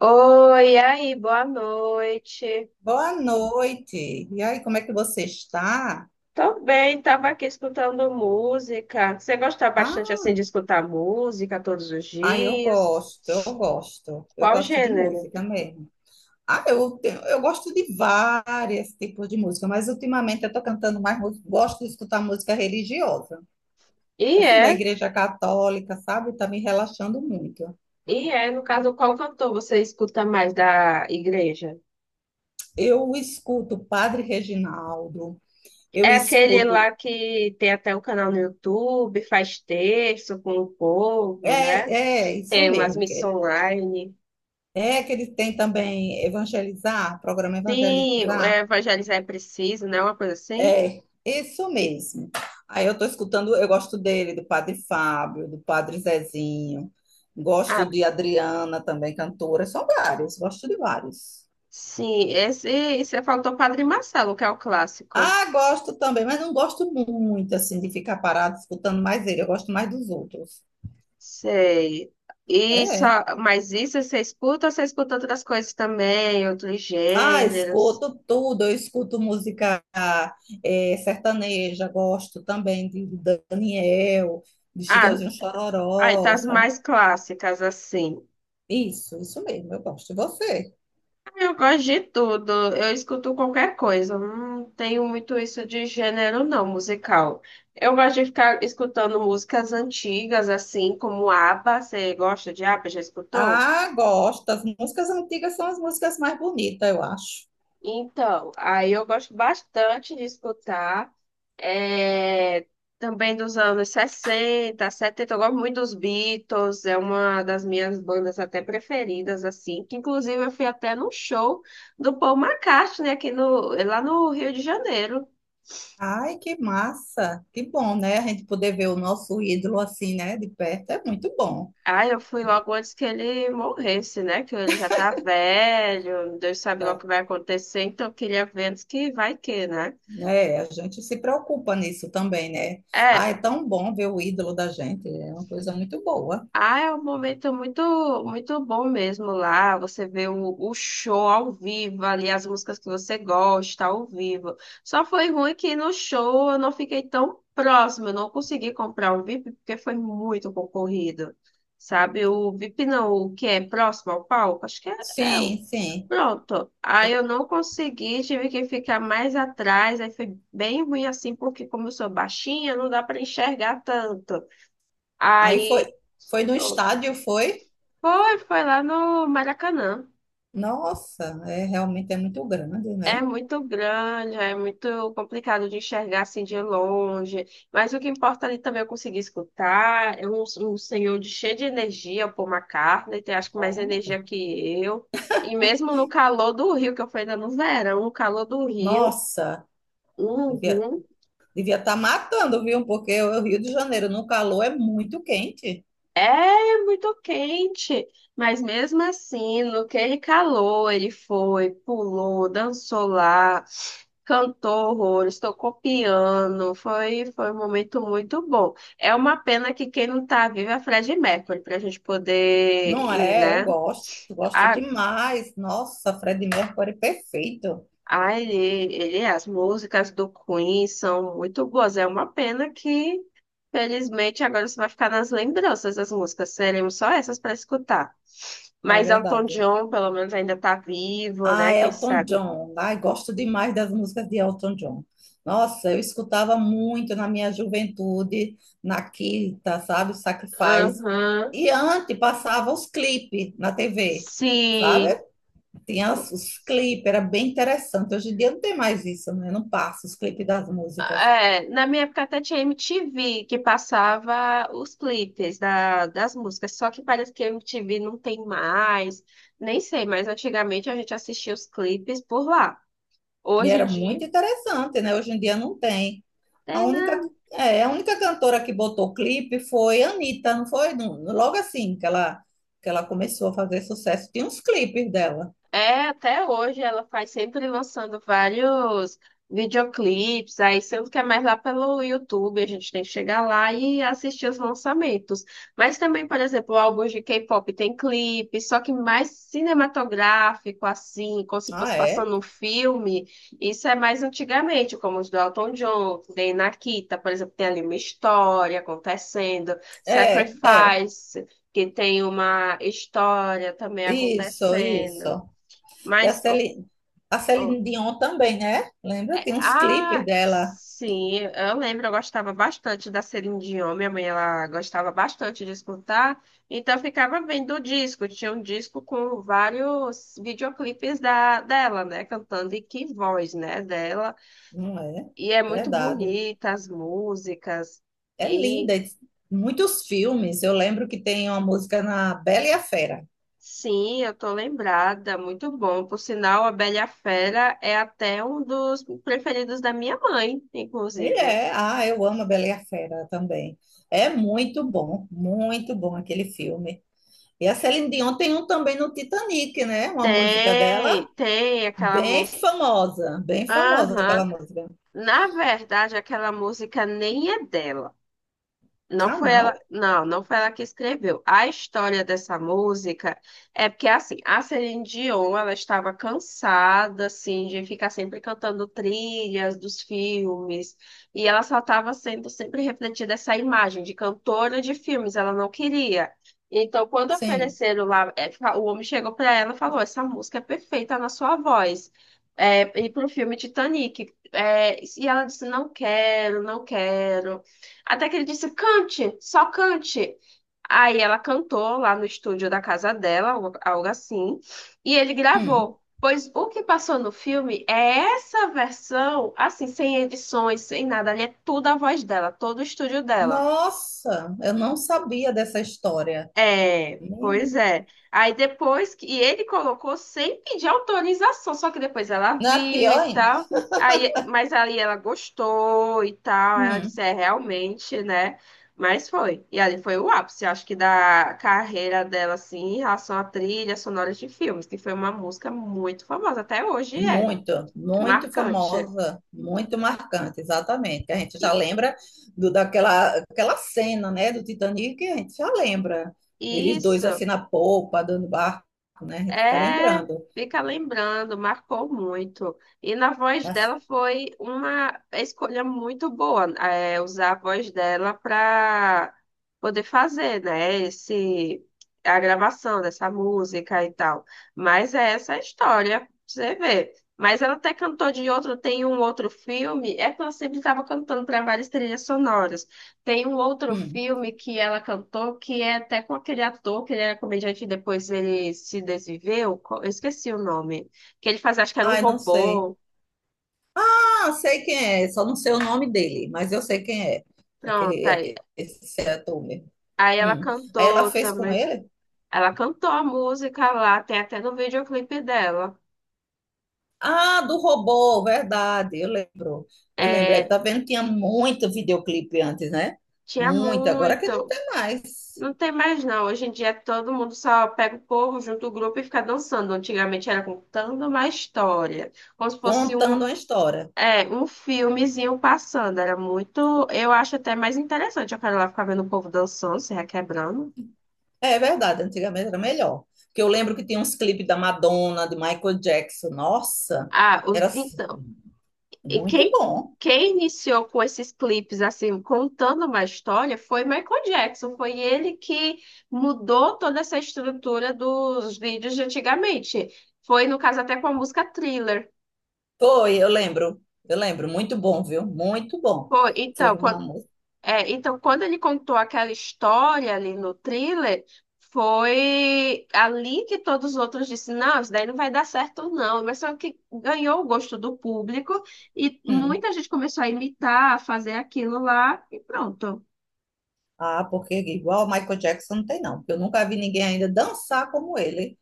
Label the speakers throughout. Speaker 1: Oi, e aí, boa noite.
Speaker 2: Boa noite. E aí, como é que você está?
Speaker 1: Tô bem, tava aqui escutando música. Você gosta bastante
Speaker 2: Ah,
Speaker 1: assim de escutar música todos os
Speaker 2: eu
Speaker 1: dias?
Speaker 2: gosto, eu gosto. Eu
Speaker 1: Qual
Speaker 2: gosto de
Speaker 1: gênero?
Speaker 2: música mesmo. Ah, eu gosto de vários tipos de música, mas ultimamente eu estou cantando mais música. Gosto de escutar música religiosa,
Speaker 1: E
Speaker 2: assim, da
Speaker 1: é,
Speaker 2: Igreja Católica, sabe? Está me relaxando muito.
Speaker 1: e é, no caso, qual cantor você escuta mais da igreja?
Speaker 2: Eu escuto Padre Reginaldo, eu
Speaker 1: É aquele
Speaker 2: escuto.
Speaker 1: lá que tem até um canal no YouTube, faz texto com o
Speaker 2: É,
Speaker 1: povo, né?
Speaker 2: é, isso
Speaker 1: Tem umas
Speaker 2: mesmo.
Speaker 1: missões online.
Speaker 2: É que ele tem também Evangelizar, programa
Speaker 1: Sim,
Speaker 2: Evangelizar.
Speaker 1: evangelizar é preciso, né? Uma coisa assim.
Speaker 2: É, isso mesmo. Aí eu tô escutando, eu gosto dele, do Padre Fábio, do Padre Zezinho, gosto
Speaker 1: Ah,
Speaker 2: de Adriana também, cantora, são vários, gosto de vários.
Speaker 1: sim, esse, você falou do Padre Marcelo, que é o clássico.
Speaker 2: Ah, gosto também, mas não gosto muito, assim, de ficar parado escutando mais ele, eu gosto mais dos outros.
Speaker 1: Sei.
Speaker 2: É.
Speaker 1: E
Speaker 2: é.
Speaker 1: só, mas isso você escuta ou você escuta outras coisas também, outros
Speaker 2: Ah,
Speaker 1: gêneros?
Speaker 2: escuto tudo, eu escuto música sertaneja, gosto também de Daniel, de
Speaker 1: Ah,
Speaker 2: Chitãozinho
Speaker 1: aí tá
Speaker 2: Chororó,
Speaker 1: as
Speaker 2: sabe?
Speaker 1: mais clássicas, assim.
Speaker 2: Isso mesmo, eu gosto. E você?
Speaker 1: Ah, eu gosto de tudo, eu escuto qualquer coisa. Eu não tenho muito isso de gênero, não, musical. Eu gosto de ficar escutando músicas antigas, assim, como ABBA. Você gosta de ABBA? Já escutou?
Speaker 2: Ah, gosto. As músicas antigas são as músicas mais bonitas, eu acho.
Speaker 1: Então, aí eu gosto bastante de escutar. É, também dos anos 60, 70, eu gosto muito dos Beatles, é uma das minhas bandas até preferidas, assim, que inclusive eu fui até no show do Paul McCartney aqui no, lá no Rio de Janeiro.
Speaker 2: Ai, que massa. Que bom, né? A gente poder ver o nosso ídolo assim, né, de perto é muito bom.
Speaker 1: Ah, eu fui logo antes que ele morresse, né? Que ele já tá velho, Deus sabe lá o
Speaker 2: Tá?
Speaker 1: que vai acontecer, então eu queria ver antes que vai que, né?
Speaker 2: Né? A gente se preocupa nisso também, né? Ah,
Speaker 1: É,
Speaker 2: é tão bom ver o ídolo da gente, é uma coisa muito boa.
Speaker 1: ah, é um momento muito, muito bom mesmo lá. Você vê o show ao vivo ali, as músicas que você gosta ao vivo. Só foi ruim que no show eu não fiquei tão próximo, eu não consegui comprar o VIP porque foi muito concorrido. Sabe, o VIP não, o que é próximo ao palco, acho que é, é o.
Speaker 2: Sim, sim.
Speaker 1: Pronto. Aí eu não consegui, tive que ficar mais atrás, aí foi bem ruim assim, porque como eu sou baixinha, não dá para enxergar tanto.
Speaker 2: Aí foi,
Speaker 1: Aí
Speaker 2: foi no estádio, foi?
Speaker 1: foi, foi lá no Maracanã.
Speaker 2: Nossa, é realmente é muito grande, né?
Speaker 1: É muito grande, é muito complicado de enxergar assim de longe. Mas o que importa ali também é eu consegui escutar. É um, um senhor de- cheio de energia, o Paul McCartney, tem acho que mais
Speaker 2: Ó.
Speaker 1: energia que eu. E mesmo no calor do Rio, que eu fui ainda no verão, no calor do Rio,
Speaker 2: Nossa,
Speaker 1: uhum.
Speaker 2: devia estar matando, viu? Porque o Rio de Janeiro no calor é muito quente.
Speaker 1: É, é muito quente, mas mesmo assim, no que ele calou, ele foi, pulou, dançou lá, cantou horrores, tocou piano, foi, foi um momento muito bom. É uma pena que quem não tá vivo é a Freddie Mercury, pra gente poder
Speaker 2: Não
Speaker 1: ir,
Speaker 2: é? Eu
Speaker 1: né?
Speaker 2: gosto, gosto
Speaker 1: Ah.
Speaker 2: demais. Nossa, Freddie Mercury perfeito.
Speaker 1: Ah, ele, as músicas do Queen são muito boas. É uma pena que, felizmente, agora você vai ficar nas lembranças das músicas. Teremos só essas para escutar.
Speaker 2: É
Speaker 1: Mas Elton
Speaker 2: verdade.
Speaker 1: John, pelo menos, ainda está vivo,
Speaker 2: Ah,
Speaker 1: né? Quem
Speaker 2: Elton
Speaker 1: sabe?
Speaker 2: John. Ai, gosto demais das músicas de Elton John. Nossa, eu escutava muito na minha juventude, na Quinta, sabe, o Sacrifice.
Speaker 1: Aham.
Speaker 2: E antes passava os clipes na TV, sabe?
Speaker 1: Sim.
Speaker 2: Tinha os clipes, era bem interessante. Hoje em dia não tem mais isso, né? Não passa os clipes das músicas.
Speaker 1: É, na minha época até tinha MTV que passava os clipes da- das músicas, só que parece que a MTV não tem mais, nem sei, mas antigamente a gente assistia os clipes por lá.
Speaker 2: E
Speaker 1: Hoje em
Speaker 2: era
Speaker 1: dia,
Speaker 2: muito interessante, né? Hoje em dia não tem. A
Speaker 1: tem,
Speaker 2: única,
Speaker 1: né?
Speaker 2: é, a única cantora que botou clipe foi Anitta, não foi? Logo assim que ela começou a fazer sucesso. Tinha uns clipes dela.
Speaker 1: É, até hoje ela faz sempre lançando vários videoclipes, aí sendo que é mais lá pelo YouTube, a gente tem que chegar lá e assistir os lançamentos. Mas também, por exemplo, álbuns de K-pop tem clipe, só que mais cinematográfico, assim, como se fosse
Speaker 2: Ah, é?
Speaker 1: passando um filme. Isso é mais antigamente, como os do Elton John, tem Nakita, por exemplo, tem ali uma história acontecendo,
Speaker 2: É, é.
Speaker 1: Sacrifice, que tem uma história também
Speaker 2: Isso, isso.
Speaker 1: acontecendo.
Speaker 2: E a
Speaker 1: Mas, oh,
Speaker 2: Celine, a
Speaker 1: oh,
Speaker 2: Celine Dion também, né? Lembra? Tem uns clipes
Speaker 1: ah,
Speaker 2: dela.
Speaker 1: sim, eu lembro, eu gostava bastante da Celine Dion, minha mãe, ela gostava bastante de escutar, então eu ficava vendo o disco, tinha um disco com vários videoclipes da, dela, né, cantando, e que voz, né, dela,
Speaker 2: Não é?
Speaker 1: e é muito
Speaker 2: Verdade.
Speaker 1: bonita as músicas,
Speaker 2: É
Speaker 1: e
Speaker 2: linda. Muitos filmes. Eu lembro que tem uma música na Bela e a Fera.
Speaker 1: sim, eu tô lembrada, muito bom, por sinal, a Bela e a Fera é até um dos preferidos da minha mãe,
Speaker 2: E
Speaker 1: inclusive.
Speaker 2: é, ah, eu amo a Bela e a Fera também. É muito bom aquele filme. E a Celine Dion tem um também no Titanic, né? Uma música dela
Speaker 1: Tem, tem aquela música.
Speaker 2: bem famosa aquela
Speaker 1: Aham.
Speaker 2: música.
Speaker 1: Na verdade, aquela música nem é dela. Não
Speaker 2: Ah,
Speaker 1: foi ela,
Speaker 2: não?
Speaker 1: não, não foi ela que escreveu. A história dessa música é porque assim, a Celine Dion, ela estava cansada assim de ficar sempre cantando trilhas dos filmes, e ela só estava sendo sempre refletida essa imagem de cantora de filmes, ela não queria. Então, quando
Speaker 2: Sim.
Speaker 1: ofereceram lá, é, o homem chegou para ela e falou: "Essa música é perfeita na sua voz." É, e para o filme Titanic. É, e ela disse: Não quero, não quero. Até que ele disse: cante, só cante. Aí ela cantou lá no estúdio da casa dela, algo assim, e ele
Speaker 2: Hum.
Speaker 1: gravou. Pois o que passou no filme é essa versão, assim, sem edições, sem nada, ali é tudo a voz dela, todo o estúdio dela.
Speaker 2: Nossa, eu não sabia dessa história.
Speaker 1: É, pois
Speaker 2: Hum.
Speaker 1: é. Aí depois que ele colocou sem pedir autorização, só que depois ela
Speaker 2: Não é
Speaker 1: viu
Speaker 2: pior
Speaker 1: e
Speaker 2: ainda.
Speaker 1: tal. Aí, mas aí ela gostou e tal. Ela disse,
Speaker 2: Hum.
Speaker 1: é realmente, né? Mas foi. E ali foi o ápice, acho que da carreira dela, assim, em relação à trilha sonora de filmes, que foi uma música muito famosa, até hoje é
Speaker 2: Muito, muito
Speaker 1: marcante.
Speaker 2: famosa, muito marcante, exatamente. Que a gente já
Speaker 1: E-
Speaker 2: lembra daquela aquela cena, né, do Titanic, que a gente já lembra. Eles dois
Speaker 1: Isso.
Speaker 2: assim na polpa, dando barco, né? A gente fica
Speaker 1: É,
Speaker 2: lembrando.
Speaker 1: fica lembrando, marcou muito. E na voz
Speaker 2: Mas,
Speaker 1: dela foi uma escolha muito boa, é, usar a voz dela para poder fazer, né, esse, a gravação dessa música e tal. Mas é essa a história, pra você vê. Mas ela até cantou de outro, tem um outro filme, é que ela sempre estava cantando para várias trilhas sonoras. Tem um outro
Speaker 2: hum,
Speaker 1: filme que ela cantou, que é até com aquele ator, que ele era comediante e depois ele se desviveu. Eu esqueci o nome. Que ele fazia, acho que era um
Speaker 2: ai, não sei.
Speaker 1: robô.
Speaker 2: Ah, sei quem é, só não sei o nome dele, mas eu sei quem é.
Speaker 1: Pronto,
Speaker 2: Aquele,
Speaker 1: aí,
Speaker 2: aquele esse ator mesmo.
Speaker 1: aí ela
Speaker 2: Hum. Aí ela
Speaker 1: cantou
Speaker 2: fez com
Speaker 1: também.
Speaker 2: ele.
Speaker 1: Ela cantou a música lá, tem até no videoclipe dela.
Speaker 2: Ah, do robô, verdade, eu lembro. Eu lembro. É,
Speaker 1: É,
Speaker 2: tá vendo? Tinha muito videoclipe antes, né?
Speaker 1: tinha
Speaker 2: Muito. Agora que não
Speaker 1: muito.
Speaker 2: tem mais.
Speaker 1: Não tem mais não. Hoje em dia todo mundo só pega o povo, junta o grupo e fica dançando. Antigamente era contando uma história, como se fosse um
Speaker 2: Contando uma história.
Speaker 1: é, um filmezinho passando, era muito. Eu acho até mais interessante. Eu quero lá ficar vendo o povo dançando, se requebrando.
Speaker 2: É verdade, antigamente era melhor. Porque eu lembro que tinha uns clipes da Madonna, de Michael Jackson. Nossa,
Speaker 1: Ah, os,
Speaker 2: era s-
Speaker 1: então, e
Speaker 2: muito
Speaker 1: quem,
Speaker 2: bom.
Speaker 1: quem iniciou com esses clipes, assim, contando uma história, foi Michael Jackson. Foi ele que mudou toda essa estrutura dos vídeos de antigamente. Foi, no caso, até com a música Thriller.
Speaker 2: Foi, eu lembro. Eu lembro. Muito bom, viu? Muito bom.
Speaker 1: Foi,
Speaker 2: Foi
Speaker 1: então,
Speaker 2: uma música.
Speaker 1: é, então, quando ele contou aquela história ali no thriller, foi ali que todos os outros disseram, não, isso daí não vai dar certo, não. Mas só que ganhou o gosto do público e
Speaker 2: Hum.
Speaker 1: muita gente começou a imitar, a fazer aquilo lá e pronto.
Speaker 2: Ah, porque igual Michael Jackson não tem, não. Porque eu nunca vi ninguém ainda dançar como ele.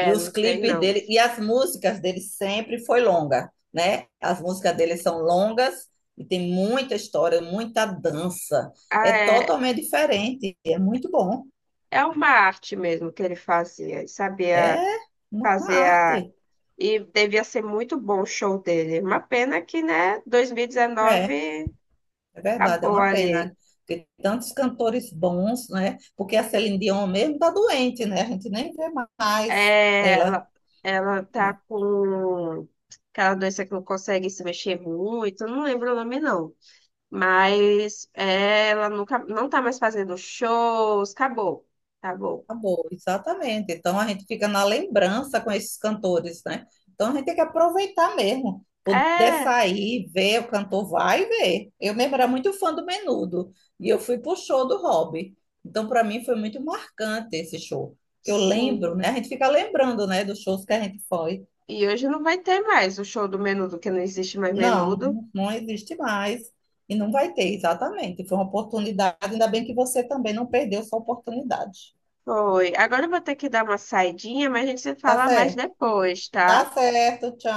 Speaker 2: E os
Speaker 1: não tem
Speaker 2: clipes
Speaker 1: não.
Speaker 2: dele e as músicas dele sempre foi longa, né? As músicas dele são longas e tem muita história, muita dança. É
Speaker 1: É,
Speaker 2: totalmente diferente, é muito bom.
Speaker 1: é uma arte mesmo que ele fazia, ele
Speaker 2: É
Speaker 1: sabia
Speaker 2: uma
Speaker 1: fazer a...
Speaker 2: arte.
Speaker 1: E devia ser muito bom o show dele. Uma pena que, né,
Speaker 2: É,
Speaker 1: 2019
Speaker 2: é verdade, é
Speaker 1: acabou
Speaker 2: uma
Speaker 1: ali.
Speaker 2: pena porque tantos cantores bons, né? Porque a Celine Dion mesmo tá doente, né? A gente nem vê mais
Speaker 1: É,
Speaker 2: ela,
Speaker 1: ela tá
Speaker 2: né?
Speaker 1: com aquela doença que não consegue se mexer muito, eu não lembro o nome não. Mas é, ela nunca, não tá mais fazendo shows, acabou, acabou.
Speaker 2: Acabou, exatamente. Então a gente fica na lembrança com esses cantores, né? Então a gente tem que aproveitar mesmo, poder
Speaker 1: É,
Speaker 2: sair, ver o cantor, vai ver. Eu mesmo era muito fã do Menudo e eu fui pro show do Robbie. Então para mim foi muito marcante esse show. Eu lembro,
Speaker 1: sim.
Speaker 2: né? A gente fica lembrando, né, dos shows que a gente foi.
Speaker 1: E hoje não vai ter mais o show do Menudo, que não existe mais
Speaker 2: Não,
Speaker 1: Menudo.
Speaker 2: não existe mais e não vai ter, exatamente. Foi uma oportunidade, ainda bem que você também não perdeu sua oportunidade.
Speaker 1: Foi. Agora eu vou ter que dar uma saidinha, mas a gente se
Speaker 2: Tá
Speaker 1: fala mais
Speaker 2: certo?
Speaker 1: depois, tá?
Speaker 2: Tá certo.